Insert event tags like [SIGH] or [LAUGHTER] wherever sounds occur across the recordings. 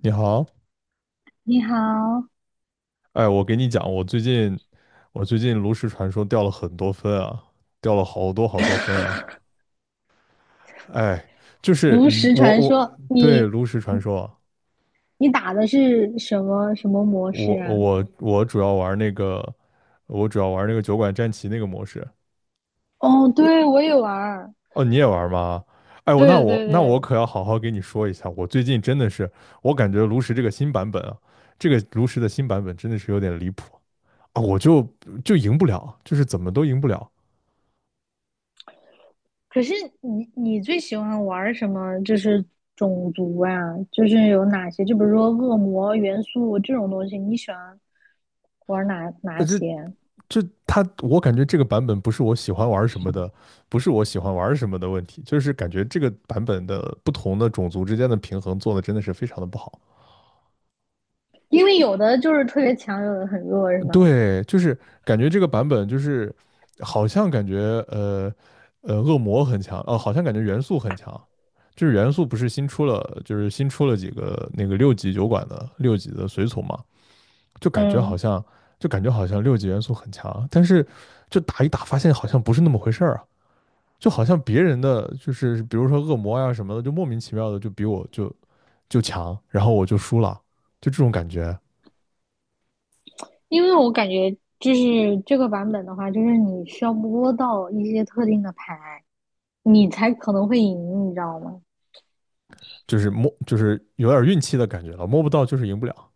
你好，你好。哎，我给你讲，我最近炉石传说掉了很多分啊，掉了好多好多分啊，哎，就是炉你石我传我说，对你炉石传说啊你打的是什么模我式啊？我我主要玩那个，我主要玩那个酒馆战旗那个模式。哦，对，我也玩儿，哦，你也玩吗？哎，对对我对。可要好好给你说一下，我最近真的是，我感觉炉石这个新版本啊，这个炉石的新版本真的是有点离谱啊，就赢不了，就是怎么都赢不了。可是你最喜欢玩儿什么？就是种族啊，就是有哪些？就比如说恶魔元素这种东西，你喜欢玩儿哪些？就他，我感觉这个版本不是我喜欢玩什么的，不是我喜欢玩什么的问题，就是感觉这个版本的不同的种族之间的平衡做的真的是非常的不好。因为有的就是特别强，有的很弱，是吗？对，就是感觉这个版本就是好像感觉呃恶魔很强，好像感觉元素很强，就是元素不是新出了，就是新出了几个那个六级酒馆的六级的随从嘛，就感觉好嗯，像就感觉好像六级元素很强，但是就打一打发现好像不是那么回事儿啊。就好像别人的就是比如说恶魔呀、啊什么的，就莫名其妙的就强，然后我就输了，就这种感觉，因为我感觉就是这个版本的话，就是你需要摸到一些特定的牌。你才可能会赢，你知道吗？就是摸就是有点运气的感觉了，摸不到就是赢不了。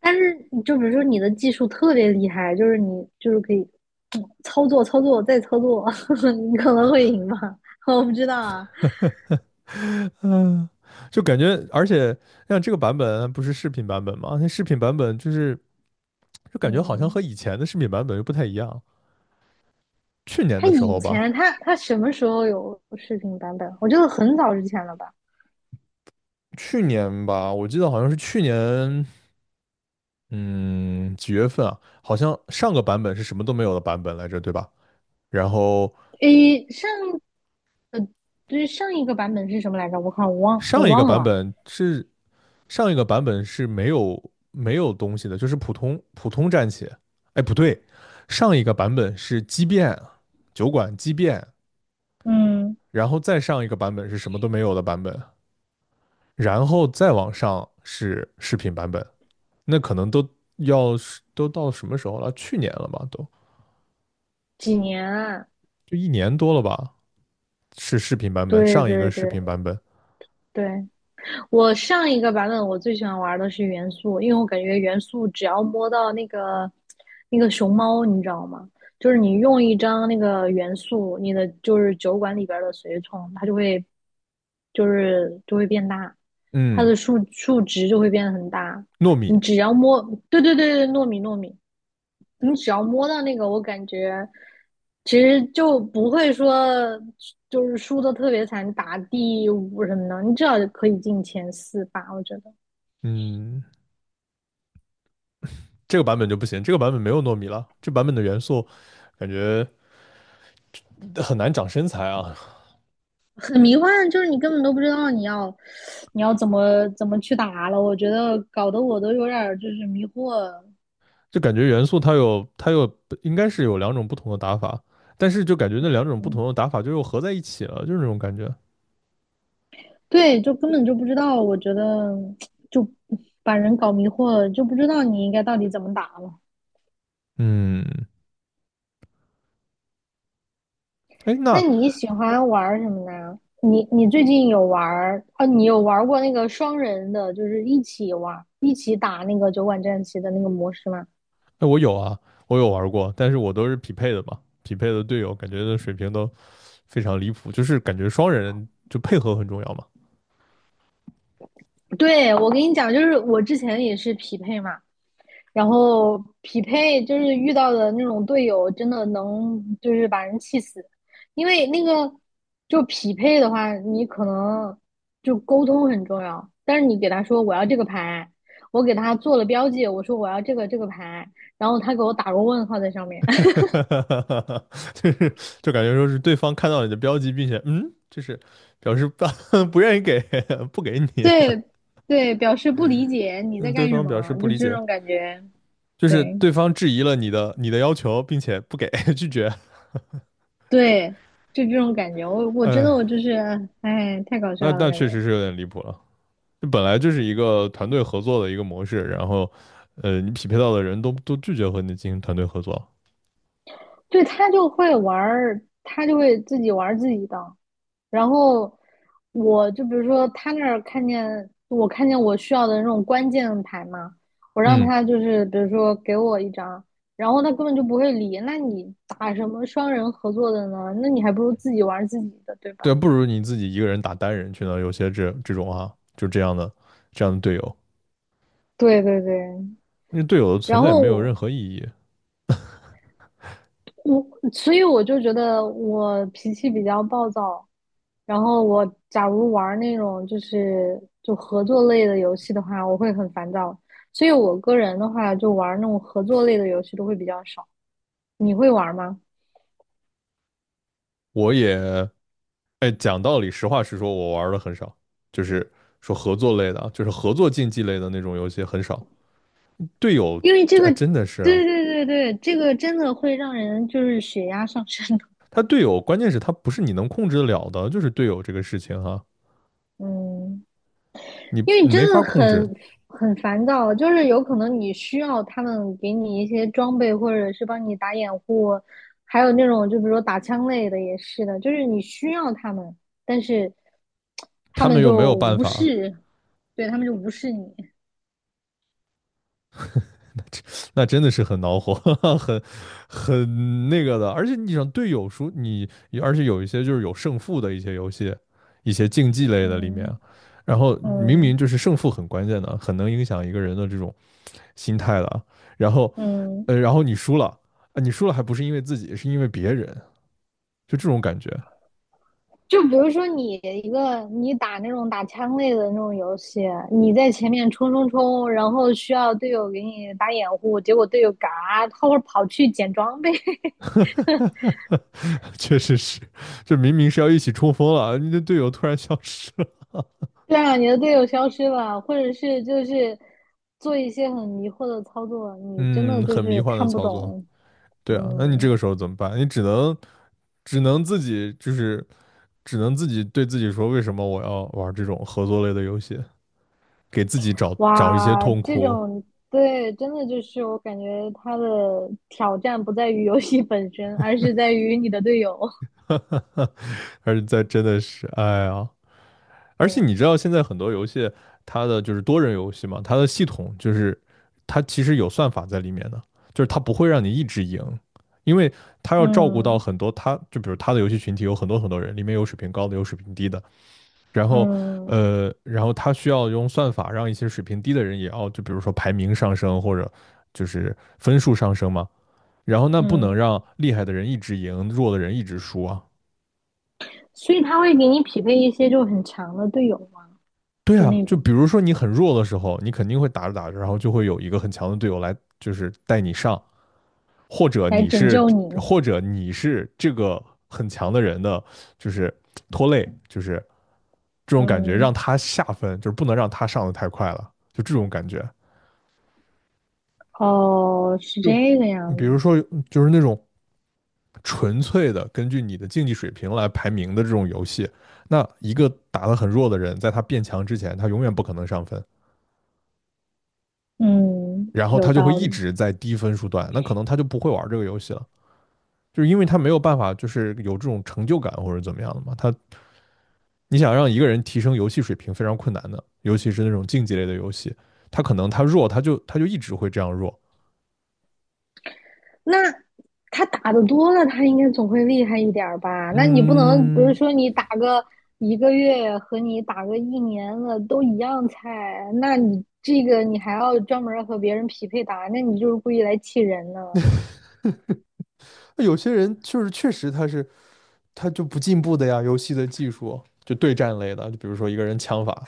但是你就比如说你的技术特别厉害，就是你就是可以操作操作再操作，[LAUGHS] 你可能会赢吧？[LAUGHS] 我不知道啊。[LAUGHS] 嗯，就感觉而且像这个版本不是视频版本吗？那视频版本就是就感觉好像嗯，和以前的视频版本又不太一样，去年他的时以候吧，前他什么时候有视频版本？我觉得很早之前了吧？去年吧，我记得好像是去年。嗯，几月份啊？好像上个版本是什么都没有的版本来着，对吧？然后诶，上对上一个版本是什么来着？我看我忘我上一个忘版了。本是上一个版本是没有东西的，就是普通战旗。哎，不对，上一个版本是畸变酒馆畸变，嗯，然后再上一个版本是什么都没有的版本，然后再往上是视频版本。那可能都要都到什么时候了？去年了吧，都几年啊？就一年多了吧。是视频版本，对上一个对视对频版本，对。我上一个版本我最喜欢玩的是元素，因为我感觉元素只要摸到那个熊猫，你知道吗？就是你用一张那个元素，你的就是酒馆里边的随从，它就会就会变大，它嗯，的数值就会变得很大。糯米，你只要摸，对对对对，糯米，你只要摸到那个，我感觉其实就不会说就是输的特别惨，打第五什么的，你至少可以进前四吧。我觉得嗯，这个版本就不行，这个版本没有糯米了，这版本的元素感觉很难长身材啊，很迷幻，就是你根本都不知道你要怎么去打了。我觉得搞得我都有点儿就是迷惑。就感觉元素它有应该是有两种不同的打法，但是就感觉那两种不嗯，同的打法就又合在一起了，就是那种感觉。对，就根本就不知道。我觉得就把人搞迷惑了，就不知道你应该到底怎么打了。嗯，哎，那那你喜欢玩什么呢？你你最近有玩儿哦？你有玩儿过那个双人的，就是一起玩儿、一起打那个酒馆战棋的那个模式吗？哎我有啊，我有玩过，但是我都是匹配的嘛，匹配的队友感觉的水平都非常离谱，就是感觉双人就配合很重要嘛。对，我跟你讲，就是我之前也是匹配嘛，然后匹配就是遇到的那种队友，真的能就是把人气死，因为那个就匹配的话，你可能就沟通很重要，但是你给他说我要这个牌，我给他做了标记，我说我要这个牌，然后他给我打个问号在上面。[LAUGHS] 哈哈哈哈哈，就是就感觉说是对方看到你的标记，并且嗯，就是表示不 [LAUGHS] 不愿意给 [LAUGHS]，不给 [LAUGHS] 你，对对，表示不理解你嗯，在对干什方表示么，不就理这解，种感觉，就是对对方质疑了你的要求，并且不给 [LAUGHS] 拒绝，对，就这种感觉，我真哎，的我就是，哎，太搞那笑了，那感确实觉。是有点离谱了。这本来就是一个团队合作的一个模式，然后你匹配到的人都拒绝和你进行团队合作，对，他就会玩儿，他就会自己玩儿自己的。然后我就比如说他那儿看见我需要的那种关键牌嘛，我让嗯，他就是比如说给我一张，然后他根本就不会理。那你打什么双人合作的呢？那你还不如自己玩儿自己的，对吧？对啊，不如你自己一个人打单人去呢。有些这种啊，就这样的这样的队友，对对对。那队友的存然在后没有我任何意义。我所以我就觉得我脾气比较暴躁，然后我假如玩那种就是就合作类的游戏的话，我会很烦躁。所以我个人的话，就玩那种合作类的游戏都会比较少。你会玩吗？我也，哎，讲道理，实话实说，我玩的很少，就是说合作类的啊，就是合作竞技类的那种游戏很少。队友，因为这这哎个，真的是对啊，对对对，这个真的会让人就是血压上升的。他队友关键是他不是你能控制得了的，就是队友这个事情哈、[LAUGHS] 嗯。你因为你你没真法的控制，很烦躁，就是有可能你需要他们给你一些装备，或者是帮你打掩护，还有那种就比如说打枪类的也是的，就是你需要他们，但是他他们们又没就有办无法，视，对，他们就无视你。那真的是很恼火，[LAUGHS] 很很那个的。而且你想队友输你，而且有一些就是有胜负的一些游戏，一些竞技类的里面嗯啊，然后明明嗯就是胜负很关键的，很能影响一个人的这种心态了。然后，嗯，然后你输了，啊，你输了还不是因为自己，是因为别人，就这种感觉，就比如说你一个你打那种打枪类的那种游戏，你在前面冲冲冲，然后需要队友给你打掩护，结果队友嘎，他会跑去捡装备。[LAUGHS] 确实是，这明明是要一起冲锋了，你的队友突然消失了，对啊，你的队友消失了，或者是就是做一些很迷惑的操作，你真的嗯，就很迷是幻的看不操作。懂。对啊，那你这嗯，个时候怎么办？你只能只能自己就是只能自己对自己说，为什么我要玩这种合作类的游戏？给自己找一些哇，痛这苦，种对，真的就是我感觉他的挑战不在于游戏本身，而是在于你的队友。[LAUGHS] 还是在真的是，哎呀。而且对。你知道现在很多游戏，它的就是多人游戏嘛，它的系统就是它其实有算法在里面的，就是它不会让你一直赢，因为它要照顾到嗯很多它就比如它的游戏群体有很多人，里面有水平高的，有水平低的，然后嗯然后它需要用算法让一些水平低的人也要就比如说排名上升或者就是分数上升嘛，然后那不能嗯，让厉害的人一直赢，弱的人一直输啊，所以他会给你匹配一些就很强的队友嘛，对就啊，那就种比如说你很弱的时候，你肯定会打着打着，然后就会有一个很强的队友来，就是带你上，或者来你拯是，救你。或者你是这个很强的人的，就是拖累，就是这种感觉，嗯，让他下分，就是不能让他上的太快了，就这种感觉。哦，是就这个样比子。如说，就是那种纯粹的根据你的竞技水平来排名的这种游戏，那一个打得很弱的人，在他变强之前，他永远不可能上分。嗯，然后有他就会道一理。直在低分数段，那可能他就不会玩这个游戏了，就是因为他没有办法，就是有这种成就感或者怎么样的嘛。他你想让一个人提升游戏水平非常困难的，尤其是那种竞技类的游戏，他可能他弱，他就一直会这样弱。那他打的多了，他应该总会厉害一点儿吧？那你不能，比如嗯，说你打个一个月和你打个一年了都一样菜，那你这个你还要专门和别人匹配打，那你就是故意来气人呢。有些人就是确实他就不进步的呀，游戏的技术就对战类的，就比如说一个人枪法，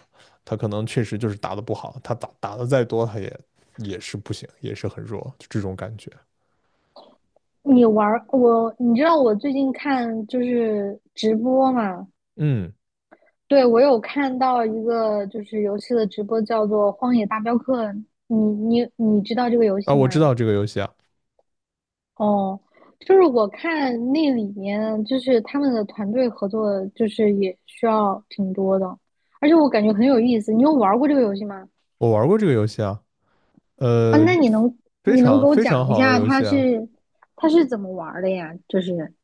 他可能确实就是打得不好，他打得再多，他也也是不行，也是很弱，就这种感觉。你玩，你知道我最近看就是直播嘛？嗯。对，我有看到一个就是游戏的直播，叫做《荒野大镖客》，你你知道这个游啊，戏我知吗？道这个游戏啊，哦，就是我看那里面，就是他们的团队合作，就是也需要挺多的，而且我感觉很有意思。你有玩过这个游戏吗？我玩过这个游戏啊，啊，呃，那你能非你能给常我非常讲一好的下游它戏啊，是它是怎么玩儿的呀？就是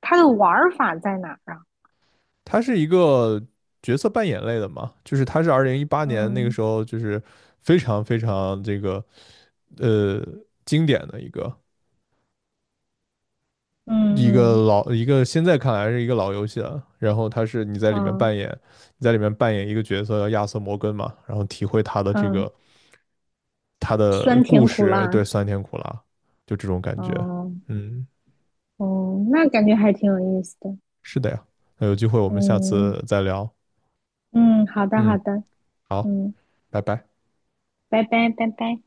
它的玩儿法在哪儿啊？它是一个角色扮演类的嘛，就是它是2018年那个嗯时候就是非常非常这个呃经典的一个嗯一个嗯老一个现在看来是一个老游戏了，然后它是嗯你在里面扮演一个角色叫亚瑟摩根嘛，然后体会嗯，他的酸故甜苦事，辣，对酸甜苦辣，就这种感觉，嗯嗯。嗯，那感觉还挺有意思的。是的呀，那有机会我们下嗯次再聊。嗯，好的好嗯，的，好，嗯，拜拜。拜拜拜拜。